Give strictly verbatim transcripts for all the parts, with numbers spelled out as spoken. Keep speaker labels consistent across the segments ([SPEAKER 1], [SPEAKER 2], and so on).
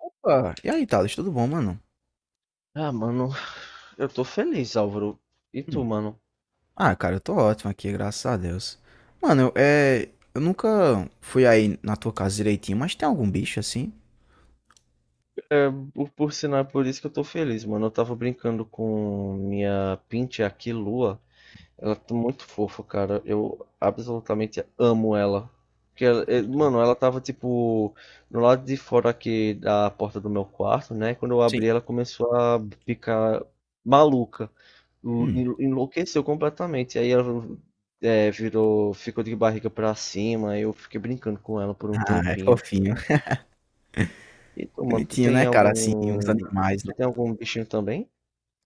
[SPEAKER 1] Opa, e aí, Thales, tudo bom, mano?
[SPEAKER 2] Ah, mano, eu tô feliz, Álvaro. E tu,
[SPEAKER 1] Hum.
[SPEAKER 2] mano?
[SPEAKER 1] Ah, cara, eu tô ótimo aqui, graças a Deus. Mano, eu, é, eu nunca fui aí na tua casa direitinho, mas tem algum bicho assim?
[SPEAKER 2] É, por, por sinal, é por isso que eu tô feliz, mano. Eu tava brincando com minha pinte aqui, Lua. Ela tá muito fofa, cara. Eu absolutamente amo ela. Porque, ela- eh, mano, ela tava tipo no lado de fora aqui da porta do meu quarto, né? Quando eu
[SPEAKER 1] Sim.
[SPEAKER 2] abri, ela começou a ficar maluca.
[SPEAKER 1] Hum.
[SPEAKER 2] En- Enlouqueceu completamente. Aí ela eh, virou, ficou de barriga pra cima. Aí eu fiquei brincando com ela por um
[SPEAKER 1] Ah, é
[SPEAKER 2] tempinho.
[SPEAKER 1] fofinho.
[SPEAKER 2] E tu, mano, tu
[SPEAKER 1] Bonitinho, né,
[SPEAKER 2] tem
[SPEAKER 1] cara? Assim, os
[SPEAKER 2] algum.
[SPEAKER 1] animais,
[SPEAKER 2] Tu
[SPEAKER 1] né?
[SPEAKER 2] tem algum bichinho também?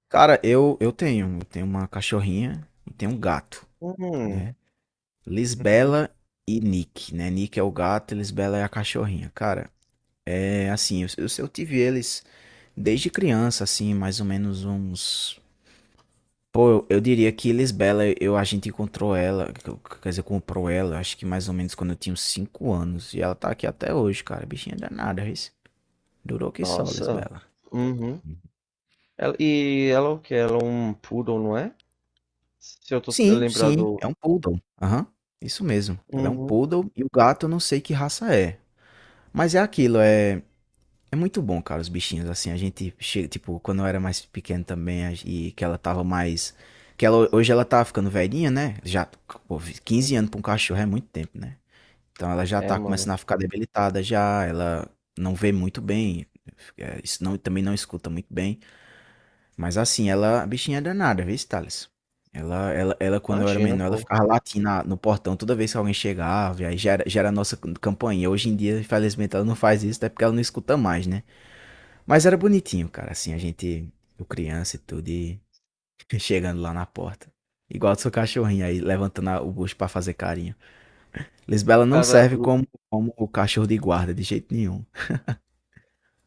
[SPEAKER 1] Cara, eu, eu tenho. Eu tenho uma cachorrinha e tenho um gato,
[SPEAKER 2] Hum,
[SPEAKER 1] né?
[SPEAKER 2] uhum.
[SPEAKER 1] Lisbela e Nick, né? Nick é o gato, e Lisbela é a cachorrinha. Cara, é assim, eu, eu, eu tive eles desde criança, assim, mais ou menos uns. Pô, eu, eu diria que Lisbela, eu, a gente encontrou ela, que eu- quer dizer, comprou ela, acho que mais ou menos quando eu tinha uns cinco anos. E ela tá aqui até hoje, cara. Bichinha danada, isso. Durou que só,
[SPEAKER 2] Nossa.
[SPEAKER 1] Lisbela.
[SPEAKER 2] Uhum. Ela- e ela é o quê? Ela é um poodle, não é? Se eu tô
[SPEAKER 1] Sim, sim,
[SPEAKER 2] lembrado.
[SPEAKER 1] é um poodle. Aham, isso mesmo. Ela é um
[SPEAKER 2] Uhum,
[SPEAKER 1] poodle e o gato eu não sei que raça é. Mas é aquilo, é, é muito bom, cara, os bichinhos. Assim, a gente chega, tipo, quando eu era mais pequeno também a- e que ela tava mais. Que ela, hoje ela tá ficando velhinha, né? Já, pô,
[SPEAKER 2] uhum.
[SPEAKER 1] quinze anos pra um cachorro é muito tempo, né? Então ela já
[SPEAKER 2] É,
[SPEAKER 1] tá
[SPEAKER 2] mano.
[SPEAKER 1] começando a ficar debilitada já, ela não vê muito bem, eh, isso não, também não escuta muito bem. Mas assim, ela, a bichinha é danada, viu, Thales? Ela, ela, ela, quando eu era
[SPEAKER 2] Imagina,
[SPEAKER 1] menor, ela
[SPEAKER 2] pô.
[SPEAKER 1] ficava latindo na- no portão toda vez que alguém chegava, e aí já era, já era a nossa cam- campainha. Hoje em dia, infelizmente, ela não faz isso, até porque ela não escuta mais, né? Mas era bonitinho, cara, assim, a gente, eu criança e tudo, e chegando lá na porta. Igual do seu cachorrinho aí, levantando a- o bucho pra fazer carinho. Lisbela não
[SPEAKER 2] Cara,
[SPEAKER 1] serve
[SPEAKER 2] Lu-
[SPEAKER 1] como, como o cachorro de guarda, de jeito nenhum.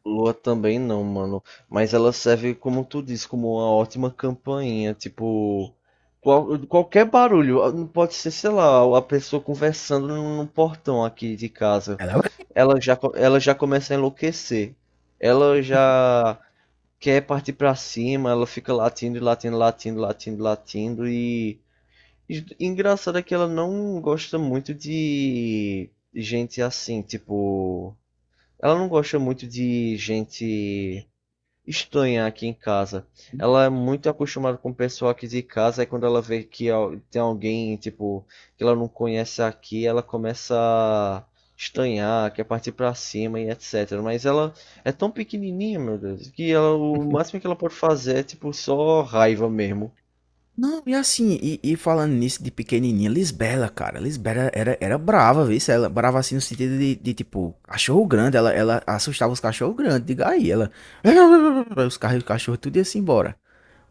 [SPEAKER 2] Lua também não, mano. Mas ela serve, como tu disse, como uma ótima campainha. Tipo, qual- qualquer barulho. Ah, não pode ser, sei lá, a pessoa conversando no no portão aqui de casa.
[SPEAKER 1] Ela é. o-
[SPEAKER 2] Ela já, co- ela já começa a enlouquecer. Ela já quer partir pra cima. Ela fica latindo, e latindo, latindo, latindo, latindo. E E- Engraçado é que ela não gosta muito de gente assim, tipo. Ela não gosta muito de gente estranha aqui em casa. Ela é muito acostumada com o pessoal aqui de casa, e quando ela vê que al- tem alguém, tipo, que ela não conhece aqui, ela começa a estranhar, quer partir pra cima e etcetera. Mas ela é tão pequenininha, meu Deus, que ela, o máximo que ela pode fazer é, tipo, só raiva mesmo.
[SPEAKER 1] Não, e assim, e, e falando nisso de pequenininha, Lisbela, cara, Lisbela era, era brava, viu? Ela brava assim no sentido de, de, tipo, cachorro grande, ela, ela assustava os cachorros grandes, diga aí, ela, os carros, os cachorros tudo ia-se embora.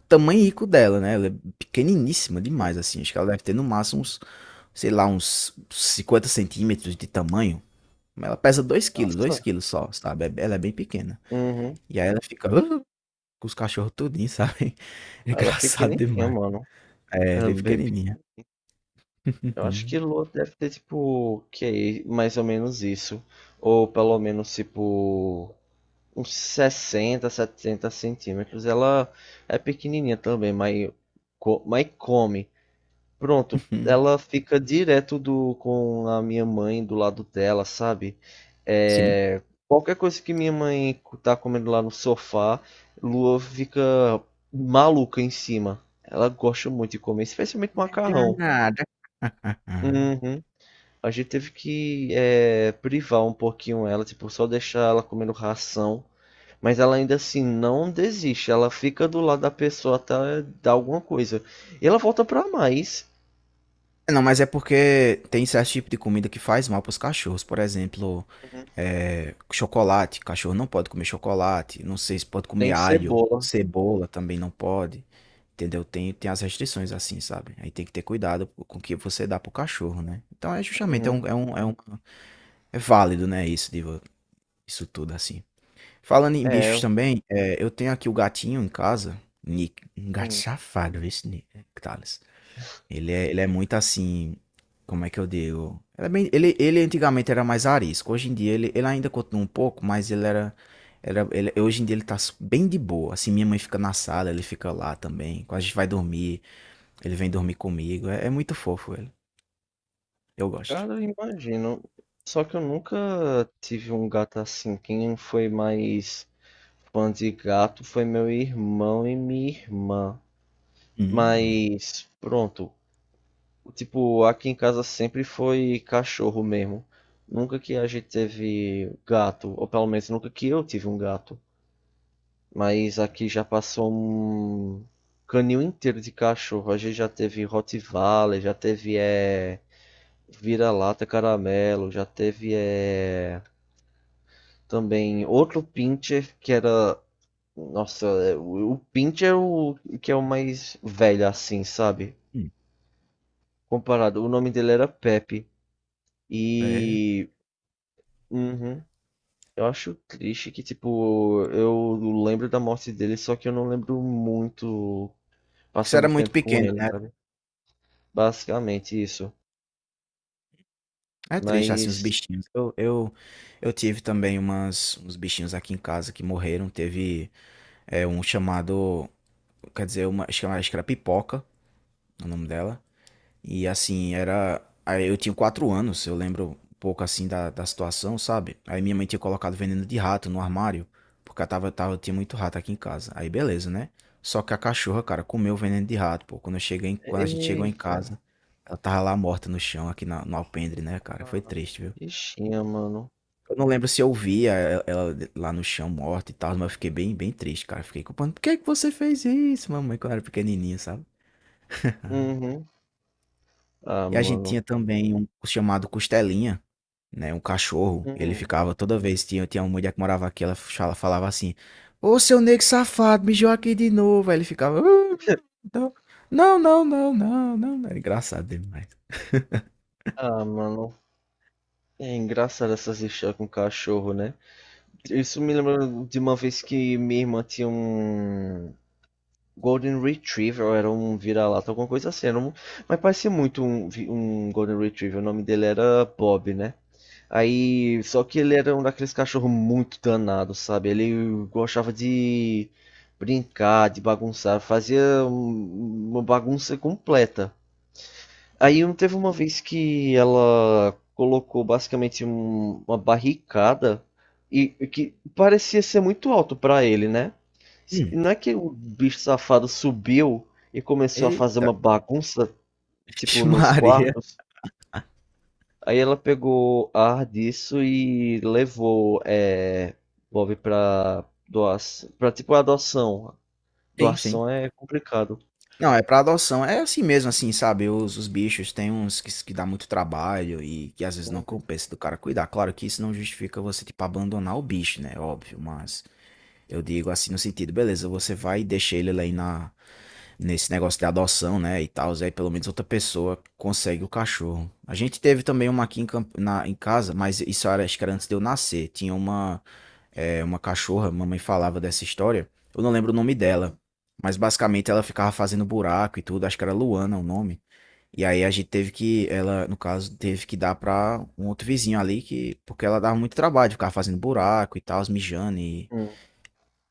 [SPEAKER 1] Tamanhico dela, né? Ela é pequeniníssima
[SPEAKER 2] Hum.
[SPEAKER 1] demais, assim. Acho que ela deve ter no máximo uns, sei lá, uns cinquenta centímetros de tamanho. Mas ela pesa dois quilos, dois
[SPEAKER 2] Nossa.
[SPEAKER 1] quilos só, sabe? É- Ela é bem pequena.
[SPEAKER 2] Uhum.
[SPEAKER 1] E aí ela fica "Ah", com os cachorros tudinho, sabe? É
[SPEAKER 2] Ela é
[SPEAKER 1] engraçado
[SPEAKER 2] pequenininha,
[SPEAKER 1] demais.
[SPEAKER 2] mano.
[SPEAKER 1] É,
[SPEAKER 2] É
[SPEAKER 1] bem
[SPEAKER 2] bem pe-
[SPEAKER 1] pequenininha.
[SPEAKER 2] Eu acho que Lua deve ter, tipo, que é mais ou menos isso. Ou pelo menos, tipo, uns sessenta, setenta centímetros. Ela é pequenininha também, mas, co- mas come. Pronto, ela fica direto do, com a minha mãe do lado dela, sabe?
[SPEAKER 1] Sim.
[SPEAKER 2] É, qualquer coisa que minha mãe tá comendo lá no sofá, Lua fica maluca em cima. Ela gosta muito de comer, especialmente
[SPEAKER 1] É
[SPEAKER 2] macarrão.
[SPEAKER 1] danada. Ah.
[SPEAKER 2] Uhum. A gente teve que é, privar um pouquinho ela, tipo, só deixar ela comendo ração. Mas ela ainda assim não desiste, ela fica do lado da pessoa até dar alguma coisa. E ela volta pra mais.
[SPEAKER 1] É, não, mas é porque tem certo tipo de comida que faz mal para os cachorros. Por exemplo, é, chocolate. Cachorro não pode comer chocolate. Não sei se pode comer
[SPEAKER 2] Tem
[SPEAKER 1] alho.
[SPEAKER 2] cebola.
[SPEAKER 1] Cebola também não pode. Entendeu? Tem, tem as restrições assim, sabe? Aí tem que ter cuidado com o que você dá pro cachorro, né? Então é justamente, é um,
[SPEAKER 2] Uhum.
[SPEAKER 1] é um, é um- é válido, né? Isso, de vo- isso tudo assim. Falando em
[SPEAKER 2] É,
[SPEAKER 1] bichos também, é, eu tenho aqui o gatinho em casa. Nick, um gato
[SPEAKER 2] hum,
[SPEAKER 1] safado, esse Nick, ele é, ele é muito assim. Como é que eu digo? Ele, é bem- ele, ele antigamente era mais arisco. Hoje em dia ele, ele ainda continua um pouco, mas ele era. Era, ele- hoje em dia ele tá su- bem de boa. Assim, minha mãe fica na sala, ele fica lá também. Quando a gente vai dormir, ele vem dormir comigo. É, é muito fofo ele. Eu gosto.
[SPEAKER 2] cara, eu imagino. Só que eu nunca tive um gato assim. Quem foi mais fã de gato foi meu irmão e minha irmã.
[SPEAKER 1] Hum,
[SPEAKER 2] Mas pronto, tipo, aqui em casa sempre foi cachorro mesmo. Nunca que a gente teve gato, ou pelo menos nunca que eu tive um gato. Mas aqui já passou um canil inteiro de cachorro. A gente já teve Rottweiler, já teve é... vira-lata caramelo, já teve é, também outro Pincher que era. Nossa, é, o o Pincher é o que é o mais velho assim, sabe?
[SPEAKER 1] hum.
[SPEAKER 2] Comparado, o nome dele era Pepe.
[SPEAKER 1] É.
[SPEAKER 2] E. Uhum. Eu acho triste que, tipo, eu lembro da morte dele, só que eu não lembro muito
[SPEAKER 1] Porque isso era
[SPEAKER 2] passando
[SPEAKER 1] muito
[SPEAKER 2] tempo com
[SPEAKER 1] pequeno,
[SPEAKER 2] ele,
[SPEAKER 1] né?
[SPEAKER 2] sabe? Basicamente isso.
[SPEAKER 1] É triste, assim, os
[SPEAKER 2] Mas.
[SPEAKER 1] bichinhos. Eu, eu, eu tive também umas, uns bichinhos aqui em casa que morreram. Teve é, um chamado. Quer dizer, uma, acho que era acho que era pipoca, o nome dela. E assim, era. Aí eu tinha quatro anos, eu lembro um pouco assim da, da situação, sabe? Aí minha mãe tinha colocado veneno de rato no armário, porque eu tava, tava, tinha muito rato aqui em casa. Aí beleza, né? Só que a cachorra, cara, comeu o veneno de rato, pô. Quando eu cheguei, em- quando a gente chegou em
[SPEAKER 2] Eita.
[SPEAKER 1] casa, ela tava lá morta no chão, aqui na- no alpendre, né, cara? Foi
[SPEAKER 2] Ah,
[SPEAKER 1] triste, viu?
[SPEAKER 2] bichinha, mano.
[SPEAKER 1] Eu não lembro se eu via ela ela lá no chão morta e tal, mas eu fiquei bem, bem triste, cara. Fiquei culpando. Por que que você fez isso, mamãe, quando eu era pequenininho, sabe?
[SPEAKER 2] Uhum. Ah,
[SPEAKER 1] E a gente
[SPEAKER 2] mano.
[SPEAKER 1] tinha também um chamado Costelinha, né, um cachorro. Ele
[SPEAKER 2] Hum.
[SPEAKER 1] ficava toda vez, tinha, tinha uma mulher que morava aqui, ela fala- falava assim: "Ô seu negro safado, mijou aqui de novo." Aí ele ficava: "Ah, não, não, não, não, não, não." Era engraçado demais.
[SPEAKER 2] Ah, mano, é engraçado essas histórias com cachorro, né? Isso me lembra de uma vez que minha irmã tinha um Golden Retriever, ou era um vira-lata, alguma coisa assim. Era um... Mas parecia muito um, vi- um Golden Retriever. O nome dele era Bob, né? Aí, só que ele era um daqueles cachorros muito danado, sabe? Ele gostava de brincar, de bagunçar, fazia um- uma bagunça completa.
[SPEAKER 1] Hum,
[SPEAKER 2] Aí um- teve uma vez que ela colocou basicamente um- uma barricada e e que parecia ser muito alto pra ele, né? S-
[SPEAKER 1] hum,
[SPEAKER 2] Não é que o bicho safado subiu e começou a fazer
[SPEAKER 1] eita,
[SPEAKER 2] uma bagunça, tipo, nos
[SPEAKER 1] Maria.
[SPEAKER 2] quartos. Aí ela pegou ar disso e levou é, Bob pra doação, pra tipo adoção.
[SPEAKER 1] Sim, sim.
[SPEAKER 2] Doação é complicado.
[SPEAKER 1] Não, é pra adoção. É assim mesmo, assim, sabe? Os, os bichos tem uns que, que dá muito trabalho e que às vezes não compensa do cara cuidar. Claro que isso não justifica você, tipo, abandonar o bicho, né? Óbvio, mas eu digo assim no sentido, beleza, você vai e deixa ele lá aí na, nesse negócio de adoção, né? E tal, aí pelo menos outra pessoa consegue o cachorro. A gente teve também uma aqui em, camp- na, em casa, mas isso era, acho que era antes de eu nascer. Tinha uma é, uma cachorra, mamãe falava dessa história. Eu não lembro o nome dela, mas basicamente ela ficava fazendo buraco e tudo, acho que era Luana o nome. E aí a gente teve que, ela, no caso, teve que dar pra um outro vizinho ali, que, porque ela dava muito trabalho, ficava fazendo buraco e tal, mijando e.
[SPEAKER 2] Uhum,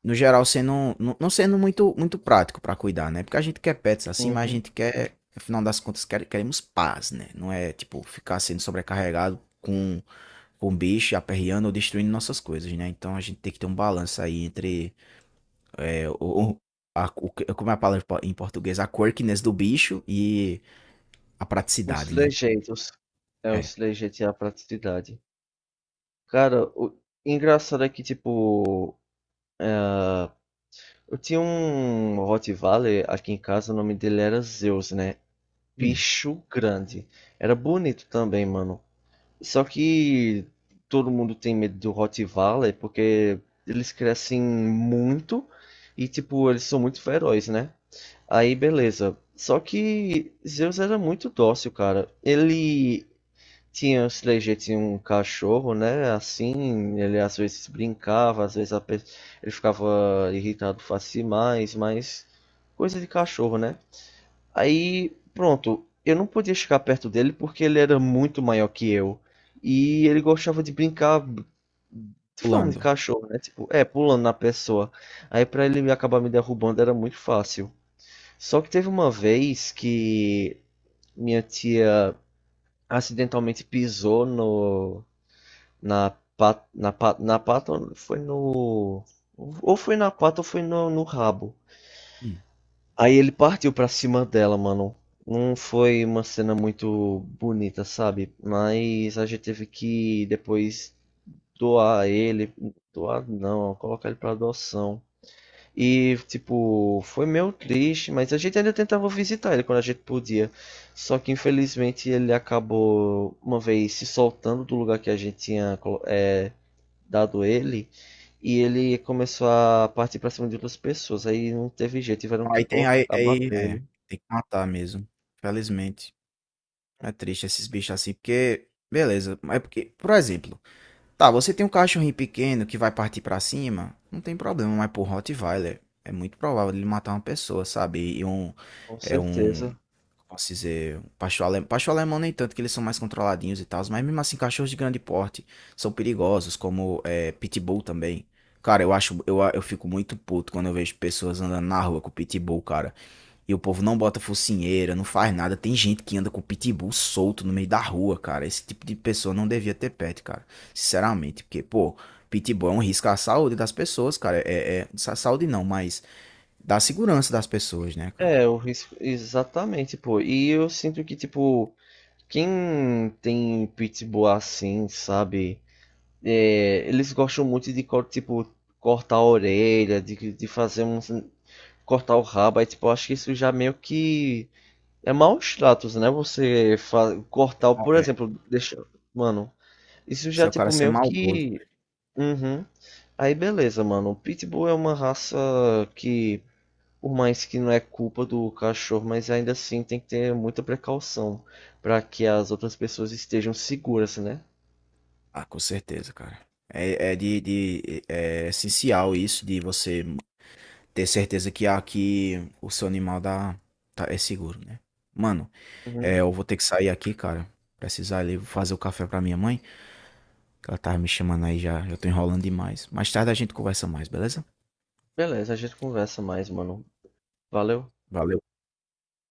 [SPEAKER 1] No geral, sendo, não, não sendo muito, muito prático pra cuidar, né? Porque a gente quer pets assim, mas a
[SPEAKER 2] uhum.
[SPEAKER 1] gente quer, afinal das contas, quer- queremos paz, né? Não é, tipo, ficar sendo sobrecarregado com com bicho, aperreando ou destruindo nossas coisas, né? Então a gente tem que ter um balanço aí entre é, o, o- a, o- como é a palavra em po- em português? A quirkiness do bicho e a
[SPEAKER 2] Os
[SPEAKER 1] praticidade, né?
[SPEAKER 2] trejeitos. É,
[SPEAKER 1] É.
[SPEAKER 2] os trejeitos e a praticidade. Cara, o engraçado é que, tipo, eu tinha um Rottweiler aqui em casa, o nome dele era Zeus, né?
[SPEAKER 1] Hum,
[SPEAKER 2] Bicho grande. Era bonito também, mano. Só que todo mundo tem medo do Rottweiler porque eles crescem muito e, tipo, eles são muito ferozes, né? Aí, beleza. Só que Zeus era muito dócil, cara. Ele tinha, o Slayer tinha um cachorro, né? Assim, ele às vezes brincava, às vezes a pe- ele ficava irritado fácil demais, mas coisa de cachorro, né? Aí, pronto, eu não podia chegar perto dele porque ele era muito maior que eu. E ele gostava de brincar de forma de
[SPEAKER 1] pulando.
[SPEAKER 2] cachorro, né? Tipo, é, pulando na pessoa. Aí pra ele acabar me derrubando era muito fácil. Só que teve uma vez que minha tia acidentalmente pisou no na pat, na pat, na pata, foi no, ou foi na pata, ou foi no, no rabo.
[SPEAKER 1] Hum.
[SPEAKER 2] Aí ele partiu pra cima dela, mano. Não foi uma cena muito bonita, sabe? Mas a gente teve que depois doar ele, doar não, colocar ele pra adoção. E, tipo, foi meio triste, mas a gente ainda tentava visitar ele quando a gente podia. Só que, infelizmente, ele acabou, uma vez, se soltando do lugar que a gente tinha é, dado ele. E ele começou a partir pra cima de outras pessoas. Aí não teve jeito, tiveram
[SPEAKER 1] Aí
[SPEAKER 2] que
[SPEAKER 1] tem,
[SPEAKER 2] colocar,
[SPEAKER 1] aí, aí,
[SPEAKER 2] abater
[SPEAKER 1] é,
[SPEAKER 2] ele,
[SPEAKER 1] tem que matar mesmo. Felizmente. É triste esses bichos assim, porque, beleza, mas é porque, por exemplo, tá, você tem um cachorrinho pequeno que vai partir pra cima, não tem problema, mas pro Rottweiler é muito provável ele matar uma pessoa, sabe? E um,
[SPEAKER 2] com
[SPEAKER 1] é um,
[SPEAKER 2] certeza.
[SPEAKER 1] posso dizer, pastor alemão, pastor alemão nem tanto, que eles são mais controladinhos e tal, mas mesmo assim, cachorros de grande porte são perigosos, como é, pitbull também. Cara, eu acho, eu, eu fico muito puto quando eu vejo pessoas andando na rua com pitbull, cara. E o povo não bota focinheira, não faz nada. Tem gente que anda com pitbull solto no meio da rua, cara. Esse tipo de pessoa não devia ter pet, cara. Sinceramente, porque, pô, pitbull é um risco à saúde das pessoas, cara. É, é, é, sa- saúde não, mas da segurança das pessoas, né, cara?
[SPEAKER 2] É, o risco, exatamente, pô. E eu sinto que, tipo, quem tem pitbull assim, sabe? É, eles gostam muito de co- tipo cortar a orelha, de, de fazer um cortar o rabo, aí tipo, eu acho que isso já meio que é maus tratos, né? Você fa- cortar, o- por
[SPEAKER 1] É,
[SPEAKER 2] exemplo, deixa, mano, isso
[SPEAKER 1] se
[SPEAKER 2] já
[SPEAKER 1] é o cara
[SPEAKER 2] tipo
[SPEAKER 1] ser
[SPEAKER 2] meio
[SPEAKER 1] maldoso.
[SPEAKER 2] que uhum. Aí beleza, mano. O Pitbull é uma raça que por mais que não é culpa do cachorro, mas ainda assim tem que ter muita precaução para que as outras pessoas estejam seguras, né?
[SPEAKER 1] Ah, com certeza, cara. É, é de, de- é é essencial isso de você ter certeza que aqui o seu animal dá, tá, é seguro, né? Mano,
[SPEAKER 2] Uhum.
[SPEAKER 1] é, eu vou ter que sair aqui, cara. Precisar ali fazer o café pra minha mãe, que ela tava me chamando aí já, eu tô enrolando demais. Mais tarde a gente conversa mais, beleza?
[SPEAKER 2] Beleza, a gente conversa mais, mano. Valeu.
[SPEAKER 1] Valeu.